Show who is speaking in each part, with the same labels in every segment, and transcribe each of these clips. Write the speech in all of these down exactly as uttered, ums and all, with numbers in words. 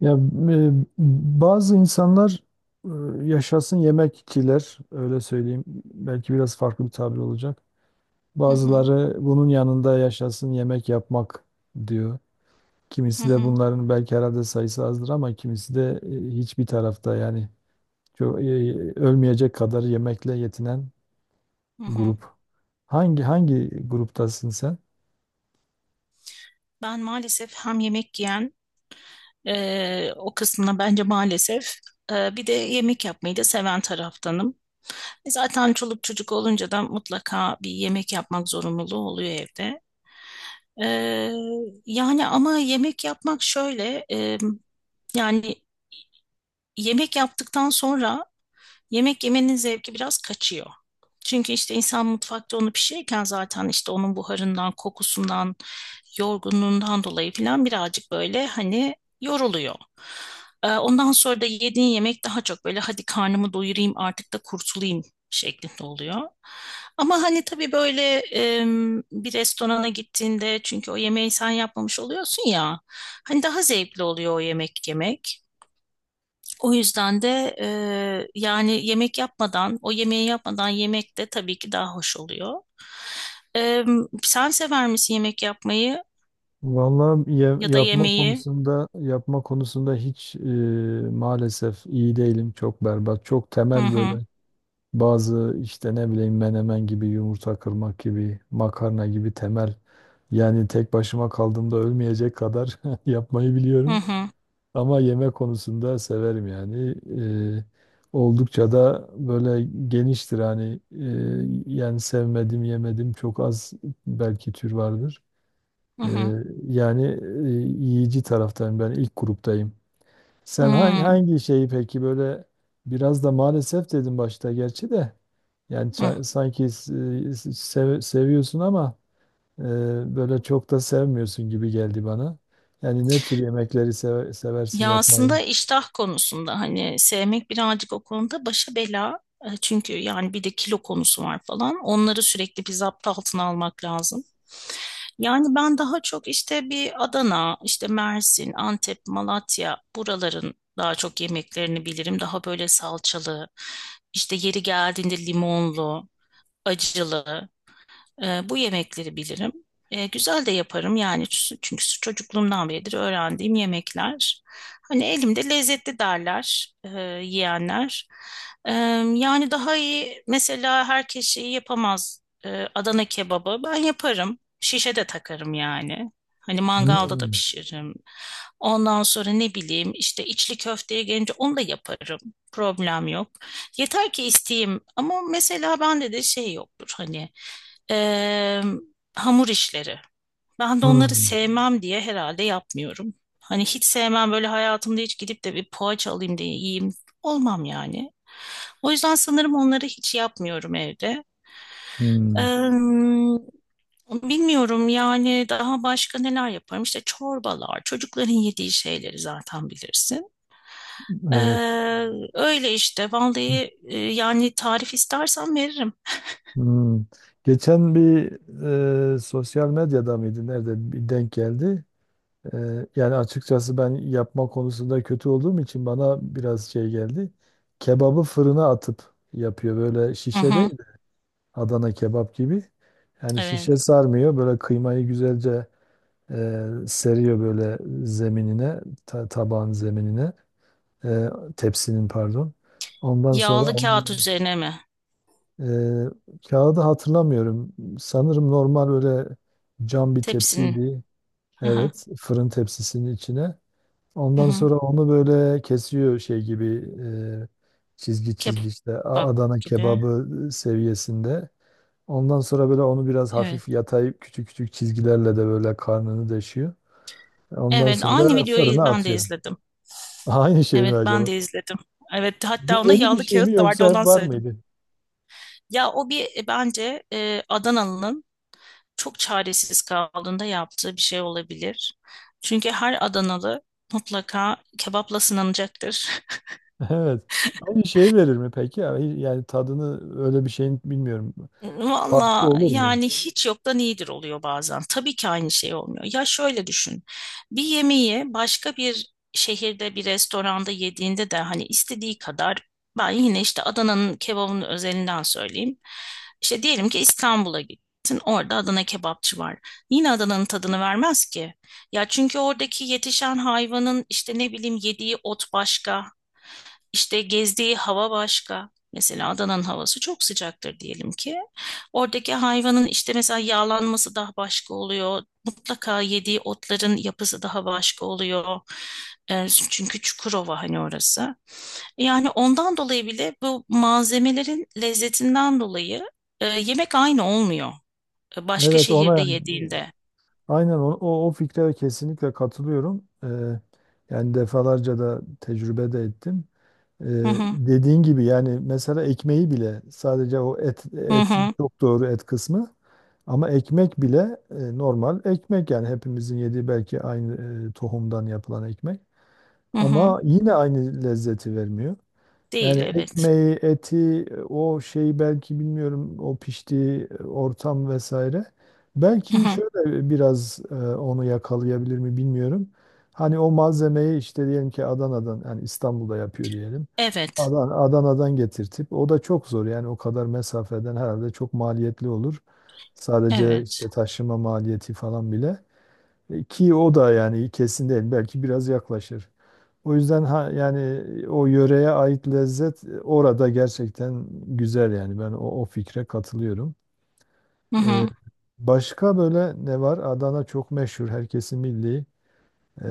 Speaker 1: Ya e, bazı insanlar e, yaşasın yemekçiler öyle söyleyeyim. Belki biraz farklı bir tabir olacak.
Speaker 2: Hı hı,
Speaker 1: Bazıları bunun yanında yaşasın yemek yapmak diyor.
Speaker 2: hı
Speaker 1: Kimisi de
Speaker 2: hı,
Speaker 1: bunların belki herhalde sayısı azdır ama kimisi de e, hiçbir tarafta yani çok, e, ölmeyecek kadar yemekle yetinen
Speaker 2: hı hı.
Speaker 1: grup. Hangi hangi gruptasın sen?
Speaker 2: Ben maalesef hem yemek yiyen e, o kısmına bence maalesef e, bir de yemek yapmayı da seven taraftanım. E zaten çoluk çocuk olunca da mutlaka bir yemek yapmak zorunluluğu oluyor evde. E, yani ama yemek yapmak şöyle e, yani yemek yaptıktan sonra yemek yemenin zevki biraz kaçıyor. Çünkü işte insan mutfakta onu pişirirken zaten işte onun buharından, kokusundan, yorgunluğundan dolayı falan birazcık böyle hani yoruluyor. Ee, Ondan sonra da yediğin yemek daha çok böyle hadi karnımı doyurayım artık da kurtulayım şeklinde oluyor. Ama hani tabii böyle em, bir restorana gittiğinde çünkü o yemeği sen yapmamış oluyorsun ya hani daha zevkli oluyor o yemek yemek. O yüzden de e, yani yemek yapmadan, o yemeği yapmadan yemek de tabii ki daha hoş oluyor. E, sen sever misin yemek yapmayı
Speaker 1: Vallahi ya-
Speaker 2: ya da
Speaker 1: yapma
Speaker 2: yemeği?
Speaker 1: konusunda yapma konusunda hiç e, maalesef iyi değilim. Çok berbat. Çok
Speaker 2: Hı
Speaker 1: temel böyle
Speaker 2: hı,
Speaker 1: bazı işte ne bileyim menemen gibi, yumurta kırmak gibi, makarna gibi temel. Yani tek başıma kaldığımda ölmeyecek kadar yapmayı
Speaker 2: hı
Speaker 1: biliyorum.
Speaker 2: hı,
Speaker 1: Ama yemek konusunda severim yani. Eee, oldukça da böyle geniştir hani eee, yani sevmedim yemedim çok az belki tür vardır.
Speaker 2: hı hı,
Speaker 1: Eee, yani eee, yiyici taraftayım ben ilk gruptayım.
Speaker 2: hı
Speaker 1: Sen hangi,
Speaker 2: hı,
Speaker 1: hangi şeyi peki böyle biraz da maalesef dedim başta gerçi de yani
Speaker 2: hı
Speaker 1: ça- sanki s- s- sev- seviyorsun ama eee, böyle çok da sevmiyorsun gibi geldi bana. Yani ne tür yemekleri seve- seversin
Speaker 2: Ya
Speaker 1: yapmayı?
Speaker 2: aslında iştah konusunda hani sevmek birazcık o konuda başa bela. E, Çünkü yani bir de kilo konusu var falan. Onları sürekli bir zapt altına almak lazım. Yani ben daha çok işte bir Adana, işte Mersin, Antep, Malatya buraların daha çok yemeklerini bilirim. Daha böyle salçalı, işte yeri geldiğinde limonlu, acılı. E, bu yemekleri bilirim. E, güzel de yaparım yani çünkü çocukluğumdan beridir öğrendiğim yemekler. Hani elimde lezzetli derler e, yiyenler. E, yani daha iyi mesela herkes şeyi yapamaz. E, Adana kebabı ben yaparım. Şişe de takarım yani. Hani mangalda da
Speaker 1: Hmm.
Speaker 2: pişiririm. Ondan sonra ne bileyim işte içli köfteye gelince onu da yaparım. Problem yok. Yeter ki isteyeyim ama mesela bende de şey yoktur hani Eee, hamur işleri. Ben de onları
Speaker 1: Hmm.
Speaker 2: sevmem diye herhalde yapmıyorum. Hani hiç sevmem böyle hayatımda hiç gidip de bir poğaça alayım diye yiyeyim. Olmam yani. O yüzden sanırım onları hiç yapmıyorum evde.
Speaker 1: Hmm.
Speaker 2: Eee, bilmiyorum yani daha başka neler yaparım. İşte çorbalar, çocukların yediği şeyleri zaten bilirsin.
Speaker 1: Evet.
Speaker 2: Eee, öyle işte vallahi e, yani tarif istersen veririm.
Speaker 1: Hmm. Geçen bir e, sosyal medyada mıydı? Nerede bir denk geldi. E, yani açıkçası ben yapma konusunda kötü olduğum için bana biraz şey geldi. Kebabı fırına atıp yapıyor. Böyle
Speaker 2: Hı
Speaker 1: şişe değil.
Speaker 2: hı,
Speaker 1: Adana kebap gibi. Yani
Speaker 2: evet.
Speaker 1: şişe sarmıyor. Böyle kıymayı güzelce e, seriyor böyle zeminine, ta- tabağın zeminine, e, tepsinin pardon. Ondan sonra
Speaker 2: Yağlı
Speaker 1: onu
Speaker 2: kağıt üzerine mi?
Speaker 1: Ee, kağıdı hatırlamıyorum. Sanırım normal öyle cam bir
Speaker 2: Tepsinin.
Speaker 1: tepsiydi.
Speaker 2: Hı.
Speaker 1: Evet, fırın tepsisinin içine.
Speaker 2: Hı
Speaker 1: Ondan
Speaker 2: hı.
Speaker 1: sonra onu böyle kesiyor şey gibi e, çizgi çizgi işte A-
Speaker 2: Kebap
Speaker 1: Adana
Speaker 2: gibi.
Speaker 1: kebabı seviyesinde. Ondan sonra böyle onu biraz hafif
Speaker 2: Evet.
Speaker 1: yatayıp küçük küçük çizgilerle de böyle karnını deşiyor. Ondan
Speaker 2: Evet, aynı
Speaker 1: sonra
Speaker 2: videoyu
Speaker 1: fırına
Speaker 2: ben de
Speaker 1: atıyor.
Speaker 2: izledim.
Speaker 1: Aynı şey mi
Speaker 2: Evet, ben
Speaker 1: acaba?
Speaker 2: de izledim. Evet,
Speaker 1: Bu
Speaker 2: hatta onda
Speaker 1: yeni bir
Speaker 2: yağlı
Speaker 1: şey mi
Speaker 2: kağıt da vardı,
Speaker 1: yoksa hep
Speaker 2: ondan
Speaker 1: var
Speaker 2: söyledim.
Speaker 1: mıydı?
Speaker 2: Ya o bir e, bence e, Adanalı'nın çok çaresiz kaldığında yaptığı bir şey olabilir. Çünkü her Adanalı mutlaka kebapla sınanacaktır.
Speaker 1: Evet. Aynı şeyi verir mi peki? Yani yani tadını öyle bir şeyin bilmiyorum. Farkı
Speaker 2: Valla
Speaker 1: olur mu?
Speaker 2: yani hiç yoktan iyidir oluyor bazen. Tabii ki aynı şey olmuyor. Ya şöyle düşün. Bir yemeği başka bir şehirde bir restoranda yediğinde de hani istediği kadar ben yine işte Adana'nın kebabının özelinden söyleyeyim. İşte diyelim ki İstanbul'a gittin. Orada Adana kebapçı var. Yine Adana'nın tadını vermez ki. Ya çünkü oradaki yetişen hayvanın işte ne bileyim yediği ot başka. İşte gezdiği hava başka. Mesela Adana'nın havası çok sıcaktır diyelim ki. Oradaki hayvanın işte mesela yağlanması daha başka oluyor. Mutlaka yediği otların yapısı daha başka oluyor. Ee, çünkü Çukurova hani orası. Yani ondan dolayı bile bu malzemelerin lezzetinden dolayı e, yemek aynı olmuyor. E, Başka
Speaker 1: Evet ona
Speaker 2: şehirde
Speaker 1: yani,
Speaker 2: yediğinde.
Speaker 1: aynen o, o, o fikre kesinlikle katılıyorum. Ee, yani defalarca da tecrübe de ettim. Ee,
Speaker 2: Hı hı,
Speaker 1: dediğin gibi yani mesela ekmeği bile sadece o et
Speaker 2: hı
Speaker 1: et
Speaker 2: hı,
Speaker 1: çok doğru et kısmı ama ekmek bile e, normal ekmek yani hepimizin yediği belki aynı e, tohumdan yapılan ekmek
Speaker 2: hı hı.
Speaker 1: ama yine aynı lezzeti vermiyor.
Speaker 2: Değil,
Speaker 1: Yani
Speaker 2: evet.
Speaker 1: ekmeği, eti, o şeyi belki bilmiyorum, o piştiği ortam vesaire.
Speaker 2: Hı
Speaker 1: Belki
Speaker 2: hı.
Speaker 1: şöyle biraz e, onu yakalayabilir mi bilmiyorum. Hani o malzemeyi işte diyelim ki Adana'dan, yani İstanbul'da yapıyor diyelim.
Speaker 2: Evet,
Speaker 1: Adan Adana'dan getirtip, o da çok zor yani o kadar mesafeden herhalde çok maliyetli olur. Sadece
Speaker 2: evet.
Speaker 1: işte taşıma maliyeti falan bile. E, Ki o da yani kesin değil. Belki biraz yaklaşır. O yüzden ha, yani o yöreye ait lezzet e, orada gerçekten güzel yani ben o, o fikre katılıyorum.
Speaker 2: Hı
Speaker 1: E,
Speaker 2: hı.
Speaker 1: başka böyle ne var? Adana çok meşhur, herkesin milli. E,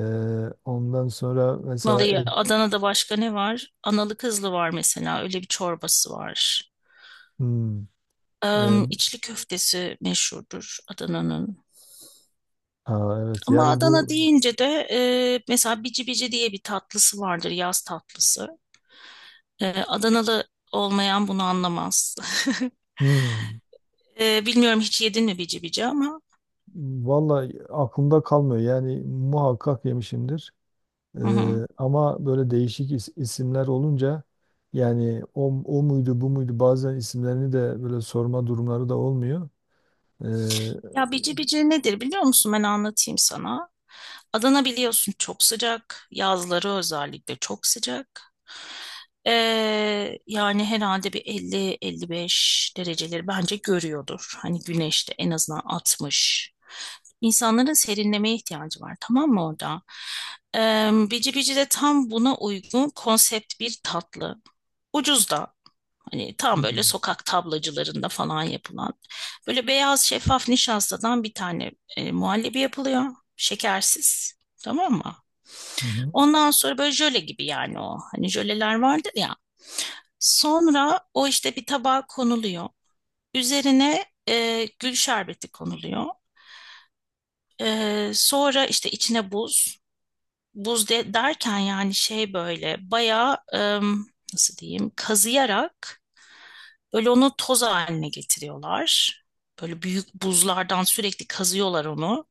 Speaker 1: ondan sonra mesela
Speaker 2: Vallahi
Speaker 1: Ege-
Speaker 2: Adana'da başka ne var? Analı kızlı var mesela. Öyle bir çorbası var.
Speaker 1: Hmm. e,
Speaker 2: Em, içli köftesi meşhurdur Adana'nın.
Speaker 1: ha, evet
Speaker 2: Ama
Speaker 1: yani
Speaker 2: Adana
Speaker 1: bu.
Speaker 2: deyince de e, mesela bici bici diye bir tatlısı vardır. Yaz tatlısı. E, Adanalı olmayan bunu anlamaz.
Speaker 1: Hmm.
Speaker 2: E, bilmiyorum hiç yedin mi bici bici ama.
Speaker 1: Vallahi aklımda kalmıyor yani muhakkak yemişimdir. Ee,
Speaker 2: Hı hı.
Speaker 1: ama böyle değişik is- isimler olunca yani o, o muydu bu muydu bazen isimlerini de böyle sorma durumları da olmuyor. Ee,
Speaker 2: Ya bici bici nedir biliyor musun? Ben anlatayım sana. Adana biliyorsun çok sıcak. Yazları özellikle çok sıcak. Ee, yani herhalde bir elli elli beş dereceleri bence görüyordur. Hani güneşte en azından altmış. İnsanların serinlemeye ihtiyacı var tamam mı orada? Ee, bici bici de tam buna uygun konsept bir tatlı. Ucuz da. Hani tam böyle
Speaker 1: Hmm.
Speaker 2: sokak tablacılarında falan yapılan. Böyle beyaz şeffaf nişastadan bir tane e, muhallebi yapılıyor. Şekersiz. Tamam mı?
Speaker 1: Hı hı.
Speaker 2: Ondan sonra böyle jöle gibi yani o. Hani jöleler vardır ya. Sonra o işte bir tabağa konuluyor. Üzerine e, gül şerbeti konuluyor. E, sonra işte içine buz. Buz de, derken yani şey böyle bayağı e, nasıl diyeyim kazıyarak böyle onu toz haline getiriyorlar. Böyle büyük buzlardan sürekli kazıyorlar onu.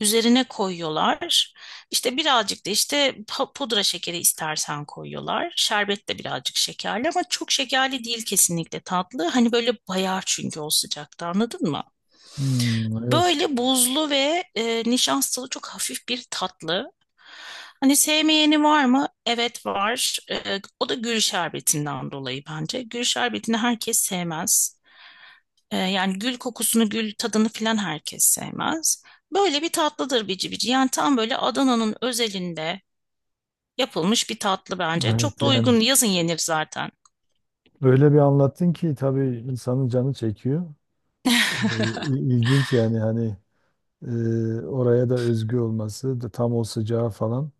Speaker 2: Üzerine koyuyorlar. İşte birazcık da işte pa- pudra şekeri istersen koyuyorlar. Şerbet de birazcık şekerli ama çok şekerli değil kesinlikle tatlı. Hani böyle bayar çünkü o sıcakta anladın mı?
Speaker 1: Hmm, evet.
Speaker 2: Böyle buzlu ve e, nişastalı çok hafif bir tatlı. Hani sevmeyeni var mı? Evet var. E, o da gül şerbetinden dolayı bence. Gül şerbetini herkes sevmez. E, yani gül kokusunu, gül tadını filan herkes sevmez. Böyle bir tatlıdır bici bici. Yani tam böyle Adana'nın özelinde yapılmış bir tatlı bence. Çok
Speaker 1: Evet
Speaker 2: da
Speaker 1: yani,
Speaker 2: uygun. Yazın yenir zaten.
Speaker 1: öyle bir anlattın ki tabii insanın canı çekiyor. Ee, il- ilginç yani hani e, oraya da özgü olması da tam o sıcağı falan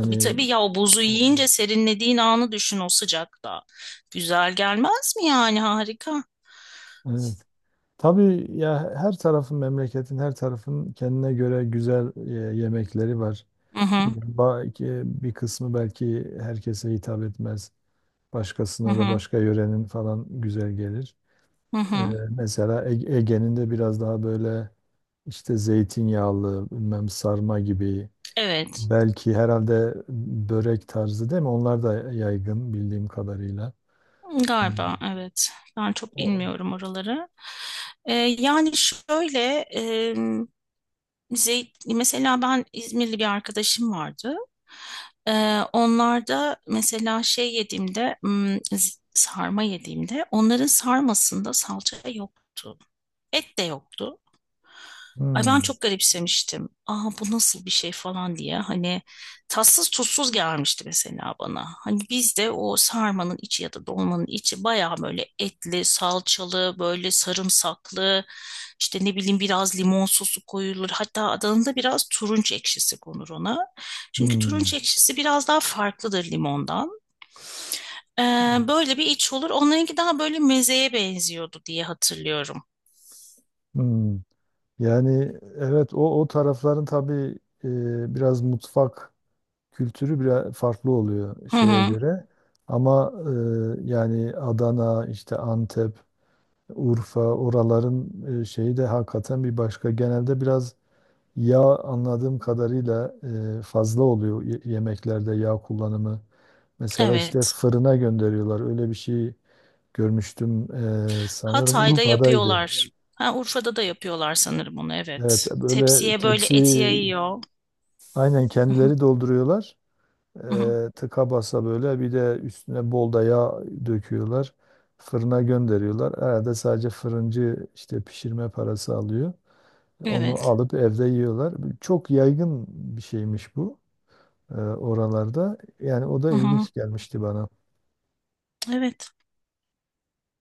Speaker 2: Tabii tabii ya o buzu
Speaker 1: o-
Speaker 2: yiyince serinlediğin anı düşün o sıcakta. Güzel gelmez mi yani harika.
Speaker 1: evet. Tabii ya her tarafın memleketin her tarafın kendine göre güzel e, yemekleri var.
Speaker 2: Hı hı,
Speaker 1: Belki bir kısmı belki herkese hitap etmez.
Speaker 2: hı
Speaker 1: Başkasına da
Speaker 2: hı,
Speaker 1: başka yörenin falan güzel gelir.
Speaker 2: hı
Speaker 1: Ee,
Speaker 2: hı.
Speaker 1: mesela Ege- Ege'nin de biraz daha böyle işte zeytinyağlı, bilmem sarma gibi.
Speaker 2: Evet.
Speaker 1: Belki herhalde börek tarzı değil mi? Onlar da yaygın bildiğim kadarıyla. Ee,
Speaker 2: Galiba evet. Ben çok
Speaker 1: o-
Speaker 2: bilmiyorum oraları. Ee, yani şöyle e, zeyt, mesela ben İzmirli bir arkadaşım vardı. Ee, onlar mesela şey yediğimde hmm, z- sarma yediğimde onların sarmasında salça yoktu. Et de yoktu. Ay ben
Speaker 1: Hmm.
Speaker 2: çok garipsemiştim. Aa bu nasıl bir şey falan diye. Hani tatsız tuzsuz gelmişti mesela bana. Hani bizde o sarmanın içi ya da dolmanın içi bayağı böyle etli, salçalı, böyle sarımsaklı, işte ne bileyim biraz limon sosu koyulur. Hatta Adana'da biraz turunç ekşisi konur ona. Çünkü turunç
Speaker 1: Hmm.
Speaker 2: ekşisi biraz daha farklıdır limondan. Ee, böyle bir iç olur. Onlarınki daha böyle mezeye benziyordu diye hatırlıyorum.
Speaker 1: Hmm. Yani evet o o tarafların tabii e, biraz mutfak kültürü biraz farklı oluyor
Speaker 2: Hı
Speaker 1: şeye
Speaker 2: hı,
Speaker 1: göre. Ama e, yani Adana, işte Antep, Urfa oraların e, şeyi de hakikaten bir başka. Genelde biraz yağ anladığım kadarıyla e, fazla oluyor y- yemeklerde yağ kullanımı. Mesela işte
Speaker 2: evet.
Speaker 1: fırına gönderiyorlar. Öyle bir şey görmüştüm e, sanırım
Speaker 2: Hatay'da
Speaker 1: Urfa'daydı.
Speaker 2: yapıyorlar. Ha, Urfa'da da yapıyorlar sanırım onu
Speaker 1: Evet
Speaker 2: evet.
Speaker 1: böyle
Speaker 2: Tepsiye böyle
Speaker 1: tepsi
Speaker 2: et yayıyor.
Speaker 1: aynen kendileri dolduruyorlar. E, tıka basa böyle bir de üstüne bol da yağ döküyorlar. Fırına gönderiyorlar. Herhalde sadece fırıncı işte pişirme parası alıyor. Onu
Speaker 2: Evet.
Speaker 1: alıp evde yiyorlar. Çok yaygın bir şeymiş bu e, oralarda. Yani o da ilginç gelmişti bana.
Speaker 2: Evet.